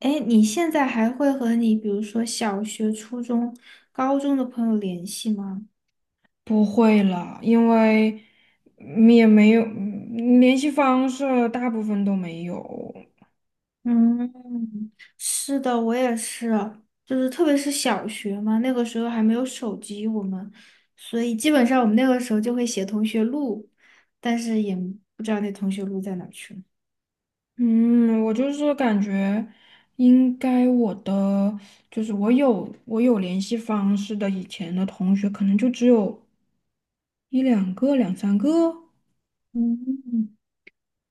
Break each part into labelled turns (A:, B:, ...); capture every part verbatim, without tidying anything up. A: 哎，你现在还会和你，比如说小学、初中、高中的朋友联系吗？
B: 不会了，因为嗯也没有嗯联系方式，大部分都没有。
A: 嗯，是的，我也是，就是特别是小学嘛，那个时候还没有手机，我们，所以基本上我们那个时候就会写同学录，但是也不知道那同学录在哪儿去了。
B: 嗯，我就是感觉应该我的就是我有我有联系方式的以前的同学，可能就只有一两个、两三个。
A: 嗯。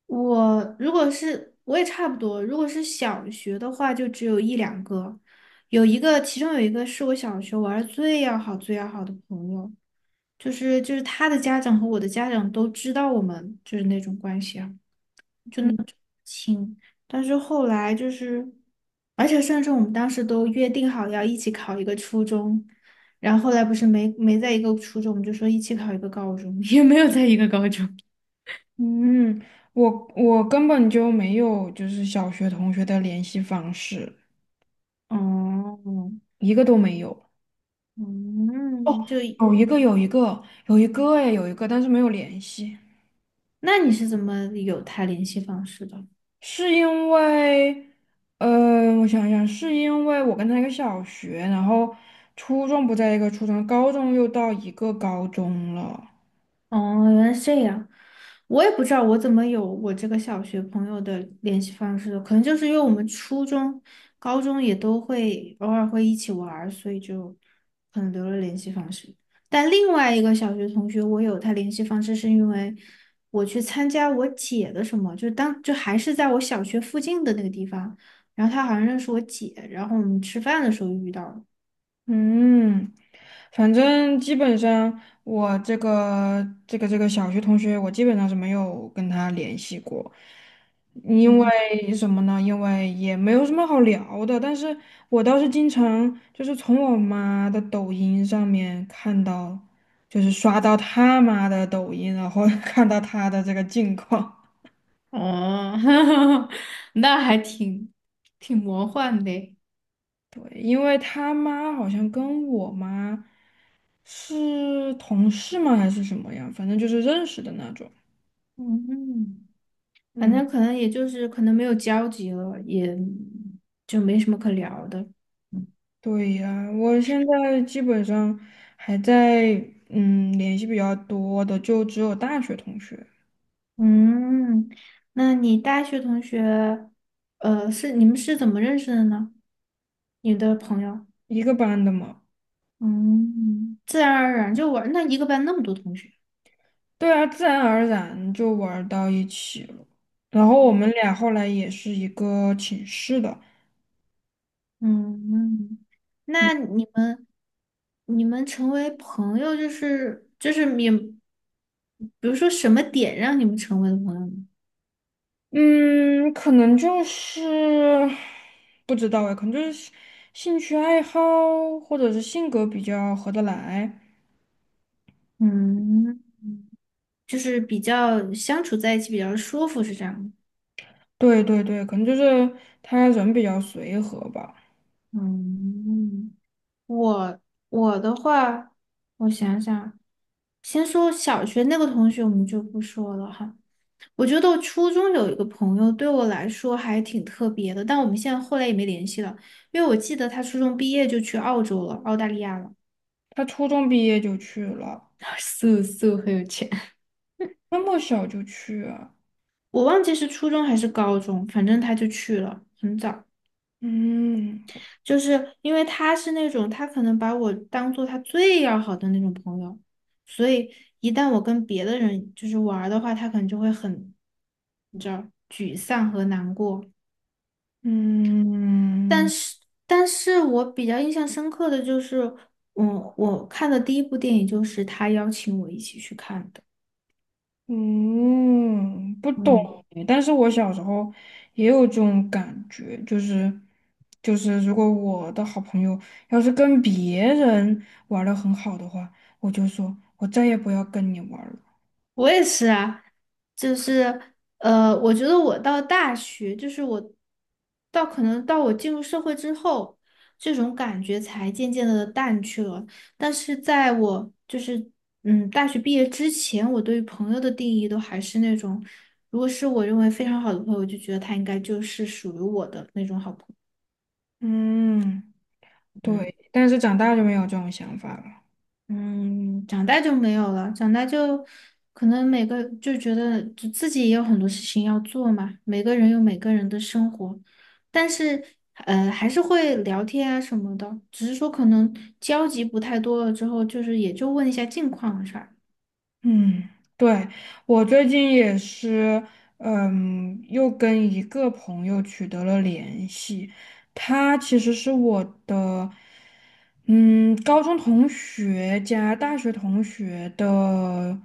A: 我如果是我也差不多，如果是小学的话，就只有一两个，有一个，其中有一个是我小学玩儿最要好、最要好的朋友，就是就是他的家长和我的家长都知道我们就是那种关系啊
B: 嗯
A: 亲，但是后来就是，而且甚至我们当时都约定好要一起考一个初中，然后后来不是没没在一个初中，我们就说一起考一个高中，也没有在一个高中。
B: 嗯，我我根本就没有就是小学同学的联系方式，
A: 哦，
B: 一个都没有。
A: 嗯，就
B: 哦，有一个有一个有一个哎，有一个，但是没有联系。
A: 那你是怎么有他联系方式的？
B: 是因为，呃，我想想，是因为我跟他一个小学，然后初中不在一个初中，高中又到一个高中了。
A: 哦，原来是这样，我也不知道我怎么有我这个小学朋友的联系方式的，可能就是因为我们初中、高中也都会偶尔会一起玩儿，所以就可能留了联系方式。但另外一个小学同学，我有他联系方式，是因为我去参加我姐的什么，就当就还是在我小学附近的那个地方，然后他好像认识我姐，然后我们吃饭的时候遇到了。
B: 嗯，反正基本上我这个这个这个小学同学，我基本上是没有跟他联系过，因
A: 嗯。
B: 为什么呢？因为也没有什么好聊的。但是我倒是经常就是从我妈的抖音上面看到，就是刷到他妈的抖音，然后 看到他的这个近况。
A: 哦，那还挺挺魔幻的。
B: 对，因为他妈好像跟我妈是同事吗？还是什么样？反正就是认识的那种。
A: 嗯，反
B: 嗯，
A: 正可能也就是可能没有交集了，也就没什么可聊的。
B: 对呀，我现在基本上还在嗯联系比较多的，就只有大学同学，
A: 嗯，那你大学同学，呃，是你们是怎么认识的呢？你的朋友，
B: 一个班的嘛。
A: 嗯，自然而然就玩，那一个班那么多同学，
B: 对啊，自然而然就玩儿到一起了。然后我们俩后来也是一个寝室的。
A: 嗯，
B: 嗯，
A: 那你们你们成为朋友，就是就是你，比如说什么点让你们成为了朋友呢？
B: 嗯，可能就是不知道哎，可能就是兴趣爱好或者是性格比较合得来。
A: 嗯，就是比较相处在一起比较舒服，是这样吗？
B: 对对对，可能就是他人比较随和吧。
A: 嗯，我我的话，我想想，先说小学那个同学，我们就不说了哈。我觉得我初中有一个朋友，对我来说还挺特别的，但我们现在后来也没联系了，因为我记得他初中毕业就去澳洲了，澳大利亚了，
B: 他初中毕业就去了，
A: 素素很有钱。
B: 那么小就去啊？
A: 我忘记是初中还是高中，反正他就去了，很早。
B: 嗯
A: 就是因为他是那种，他可能把我当做他最要好的那种朋友，所以一旦我跟别的人就是玩儿的话，他可能就会很，你知道，沮丧和难过。但
B: 嗯
A: 是，但是我比较印象深刻的就是，嗯，我看的第一部电影就是他邀请我一起去看的。
B: 嗯，不懂。
A: 嗯。
B: 哎但是我小时候也有这种感觉，就是就是，如果我的好朋友要是跟别人玩的很好的话，我就说我再也不要跟你玩了。
A: 我也是啊，就是呃，我觉得我到大学，就是我到可能到我进入社会之后，这种感觉才渐渐的淡去了。但是在我就是嗯大学毕业之前，我对于朋友的定义都还是那种，如果是我认为非常好的朋友，我就觉得他应该就是属于我的那种好朋友。
B: 嗯，
A: 嗯
B: 对。但是长大就没有这种想法了。
A: 嗯，长大就没有了，长大就可能每个就觉得就自己也有很多事情要做嘛，每个人有每个人的生活，但是呃还是会聊天啊什么的，只是说可能交集不太多了之后，就是也就问一下近况的事儿
B: 嗯，对，我最近也是，嗯，又跟一个朋友取得了联系。他其实是我的，嗯，高中同学加大学同学的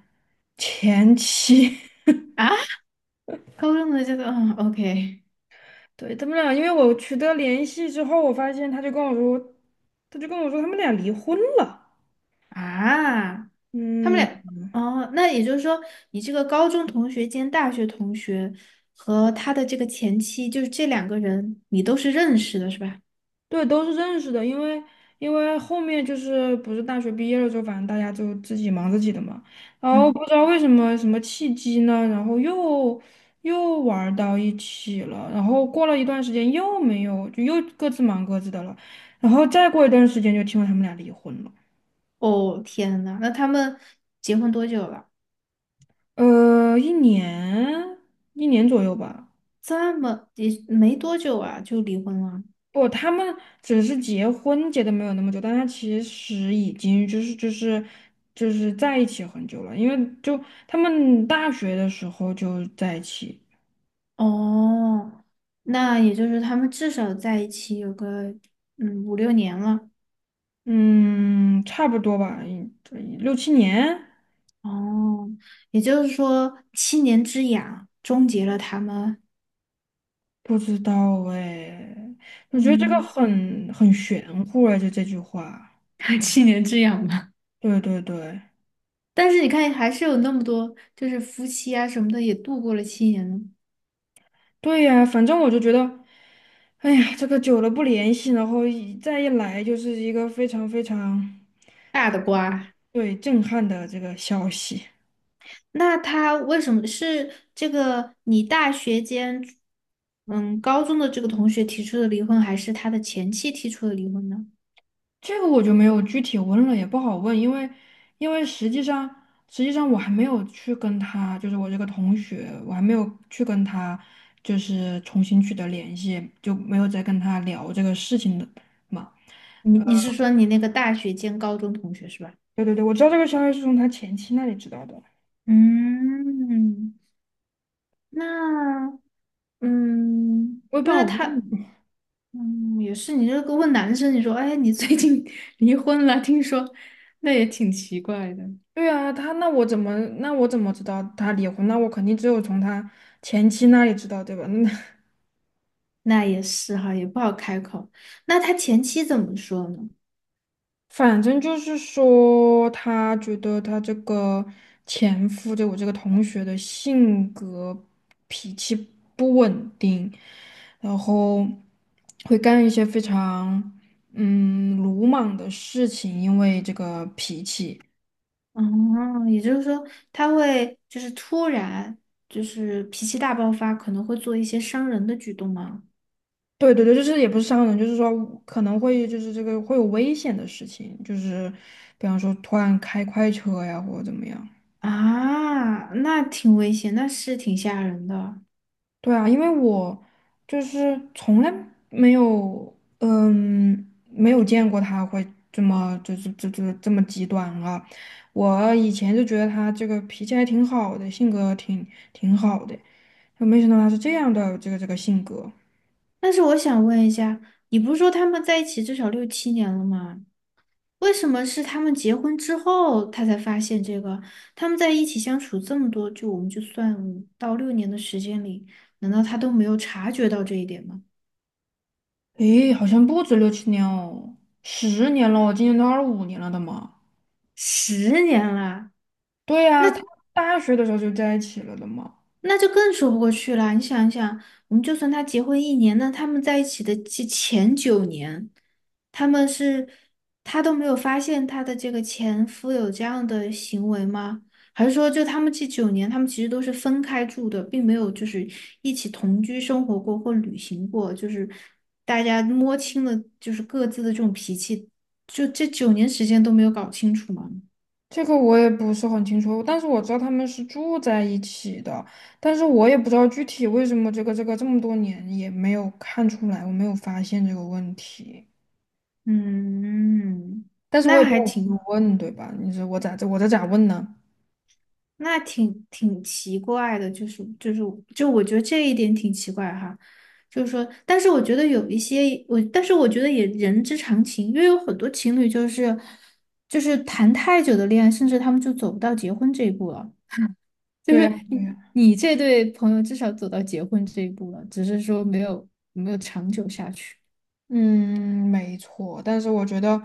B: 前妻。
A: 啊。高中的这个，嗯，O K
B: 对，他们俩，因为我取得联系之后，我发现他就跟我说，他就跟我说他们俩离婚了。
A: 啊，他们
B: 嗯。
A: 俩哦，那也就是说你这个高中同学兼大学同学和他的这个前妻，就是这两个人你都是认识的是吧？
B: 对，都是认识的，因为因为后面就是不是大学毕业了之后，反正大家就自己忙自己的嘛，然后
A: 嗯。
B: 不知道为什么什么契机呢，然后又又玩儿到一起了，然后过了一段时间又没有，就又各自忙各自的了，然后再过一段时间就听说他们俩离婚了。
A: 哦，天呐，那他们结婚多久了？
B: 呃，一年一年左右吧。
A: 这么也没多久啊，就离婚了。
B: 不，他们只是结婚结的没有那么久，但他其实已经就是就是就是在一起很久了，因为就他们大学的时候就在一起。
A: 哦，那也就是他们至少在一起有个嗯五六年了。
B: 嗯，差不多吧，一六七年。
A: 哦，也就是说七年之痒终结了他们，
B: 不知道哎，我觉得这个
A: 嗯，
B: 很很玄乎哎，就这句话。
A: 七年之痒吧。
B: 对对对，
A: 但是你看，还是有那么多就是夫妻啊什么的也度过了七年呢，
B: 对呀，反正我就觉得，哎呀，这个久了不联系，然后一再一来就是一个非常非常。
A: 大的瓜。
B: 对，震撼的这个消息。
A: 那他为什么是这个你大学间，嗯，高中的这个同学提出的离婚，还是他的前妻提出的离婚呢？
B: 这个我就没有具体问了，也不好问，因为因为实际上实际上我还没有去跟他，就是我这个同学，我还没有去跟他就是重新取得联系，就没有再跟他聊这个事情的嘛。
A: 你你是说你那个大学兼高中同学是吧？
B: 对对对，我知道这个消息是从他前妻那里知道的，
A: 嗯，那嗯，
B: 我也不好
A: 那
B: 问。
A: 他嗯也是，你这个问男生，你说哎，你最近 离婚了，听说，那也挺奇怪的。
B: 对啊，他那我怎么那我怎么知道他离婚？那我肯定只有从他前妻那里知道，对吧？那
A: 那也是哈，也不好开口。那他前妻怎么说呢？
B: 反正就是说，他觉得他这个前夫，就我这个同学的性格、脾气不稳定，然后会干一些非常嗯鲁莽的事情，因为这个脾气。
A: 哦，也就是说，他会就是突然就是脾气大爆发，可能会做一些伤人的举动吗？
B: 对对对，就是也不是伤人，就是说可能会就是这个会有危险的事情，就是比方说突然开快车呀，或者怎么样。
A: 啊，那挺危险，那是挺吓人的。
B: 对啊，因为我就是从来没有，嗯，没有见过他会这么，就是这这这么极端啊。我以前就觉得他这个脾气还挺好的，性格挺挺好的，就没想到他是这样的这个这个性格。
A: 但是我想问一下，你不是说他们在一起至少六七年了吗？为什么是他们结婚之后他才发现这个？他们在一起相处这么多，就我们就算五到六年的时间里，难道他都没有察觉到这一点吗？
B: 诶，好像不止六七年哦，十年了哦，我今年都二十五年了的嘛。
A: 十年了，
B: 对呀，他大学的时候就在一起了的嘛。
A: 那就更说不过去了。你想一想，我们就算他结婚一年，那他们在一起的这前九年，他们是他都没有发现他的这个前夫有这样的行为吗？还是说，就他们这九年，他们其实都是分开住的，并没有就是一起同居生活过或旅行过，就是大家摸清了就是各自的这种脾气，就这九年时间都没有搞清楚吗？
B: 这个我也不是很清楚，但是我知道他们是住在一起的，但是我也不知道具体为什么这个这个这么多年也没有看出来，我没有发现这个问题。
A: 嗯，
B: 但是我
A: 那
B: 也没
A: 还
B: 有去
A: 挺。
B: 问，对吧？你说我咋这我这咋问呢？
A: 那挺挺奇怪的，就是就是就我觉得这一点挺奇怪哈，就是说，但是我觉得有一些我，但是我觉得也人之常情，因为有很多情侣就是就是谈太久的恋爱，甚至他们就走不到结婚这一步了。就
B: 对
A: 是
B: 呀，
A: 你
B: 对呀，
A: 你这对朋友至少走到结婚这一步了，只是说没有没有长久下去。
B: 嗯，没错，但是我觉得，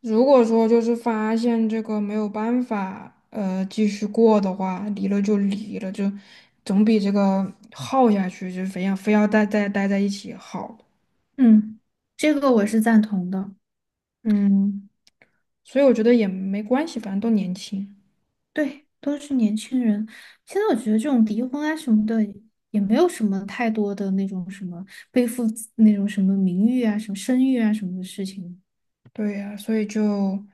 B: 如果说就是发现这个没有办法，呃，继续过的话，离了就离了，就总比这个耗下去，就非要非要待待待在一起好。
A: 嗯，这个我是赞同的。
B: 嗯。所以我觉得也没关系，反正都年轻。
A: 对，都是年轻人。现在我觉得这种离婚啊什么的，也没有什么太多的那种什么背负自那种什么名誉啊、什么声誉啊什么的事情。
B: 对呀，所以就，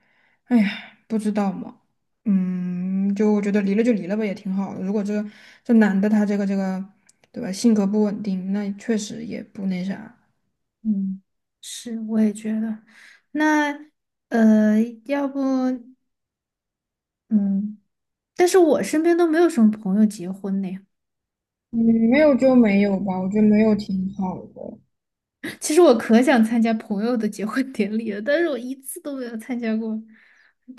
B: 哎呀，不知道嘛，嗯，就我觉得离了就离了吧，也挺好的。如果这个这男的他这个这个，对吧，性格不稳定，那确实也不那啥。
A: 嗯，是，我也觉得。那呃，要不嗯，但是我身边都没有什么朋友结婚呢。
B: 嗯，没有就没有吧，我觉得没有挺好的。
A: 其实我可想参加朋友的结婚典礼了，但是我一次都没有参加过，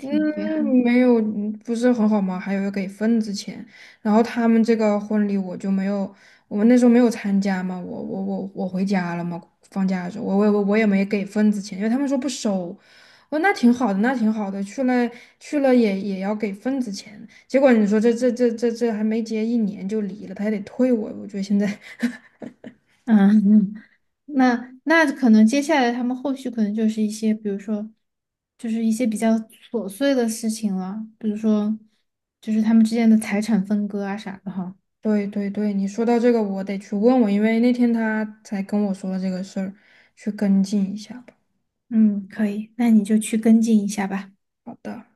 B: 嗯，
A: 遗憾。
B: 没有，嗯不是很好吗？还有要给份子钱，然后他们这个婚礼我就没有，我们那时候没有参加嘛，我我我我回家了嘛，放假的时候，我我我我也没给份子钱，因为他们说不收，我说那挺好的，那挺好的，去了去了也也要给份子钱，结果你说这这这这这还没结一年就离了，他还得退我，我觉得现在，
A: 嗯，那那可能接下来他们后续可能就是一些，比如说，就是一些比较琐碎的事情了，比如说，就是他们之间的财产分割啊啥的哈。
B: 对对对，你说到这个我得去问问，因为那天他才跟我说了这个事儿，去跟进一下吧。
A: 嗯，可以，那你就去跟进一下吧。
B: 好的。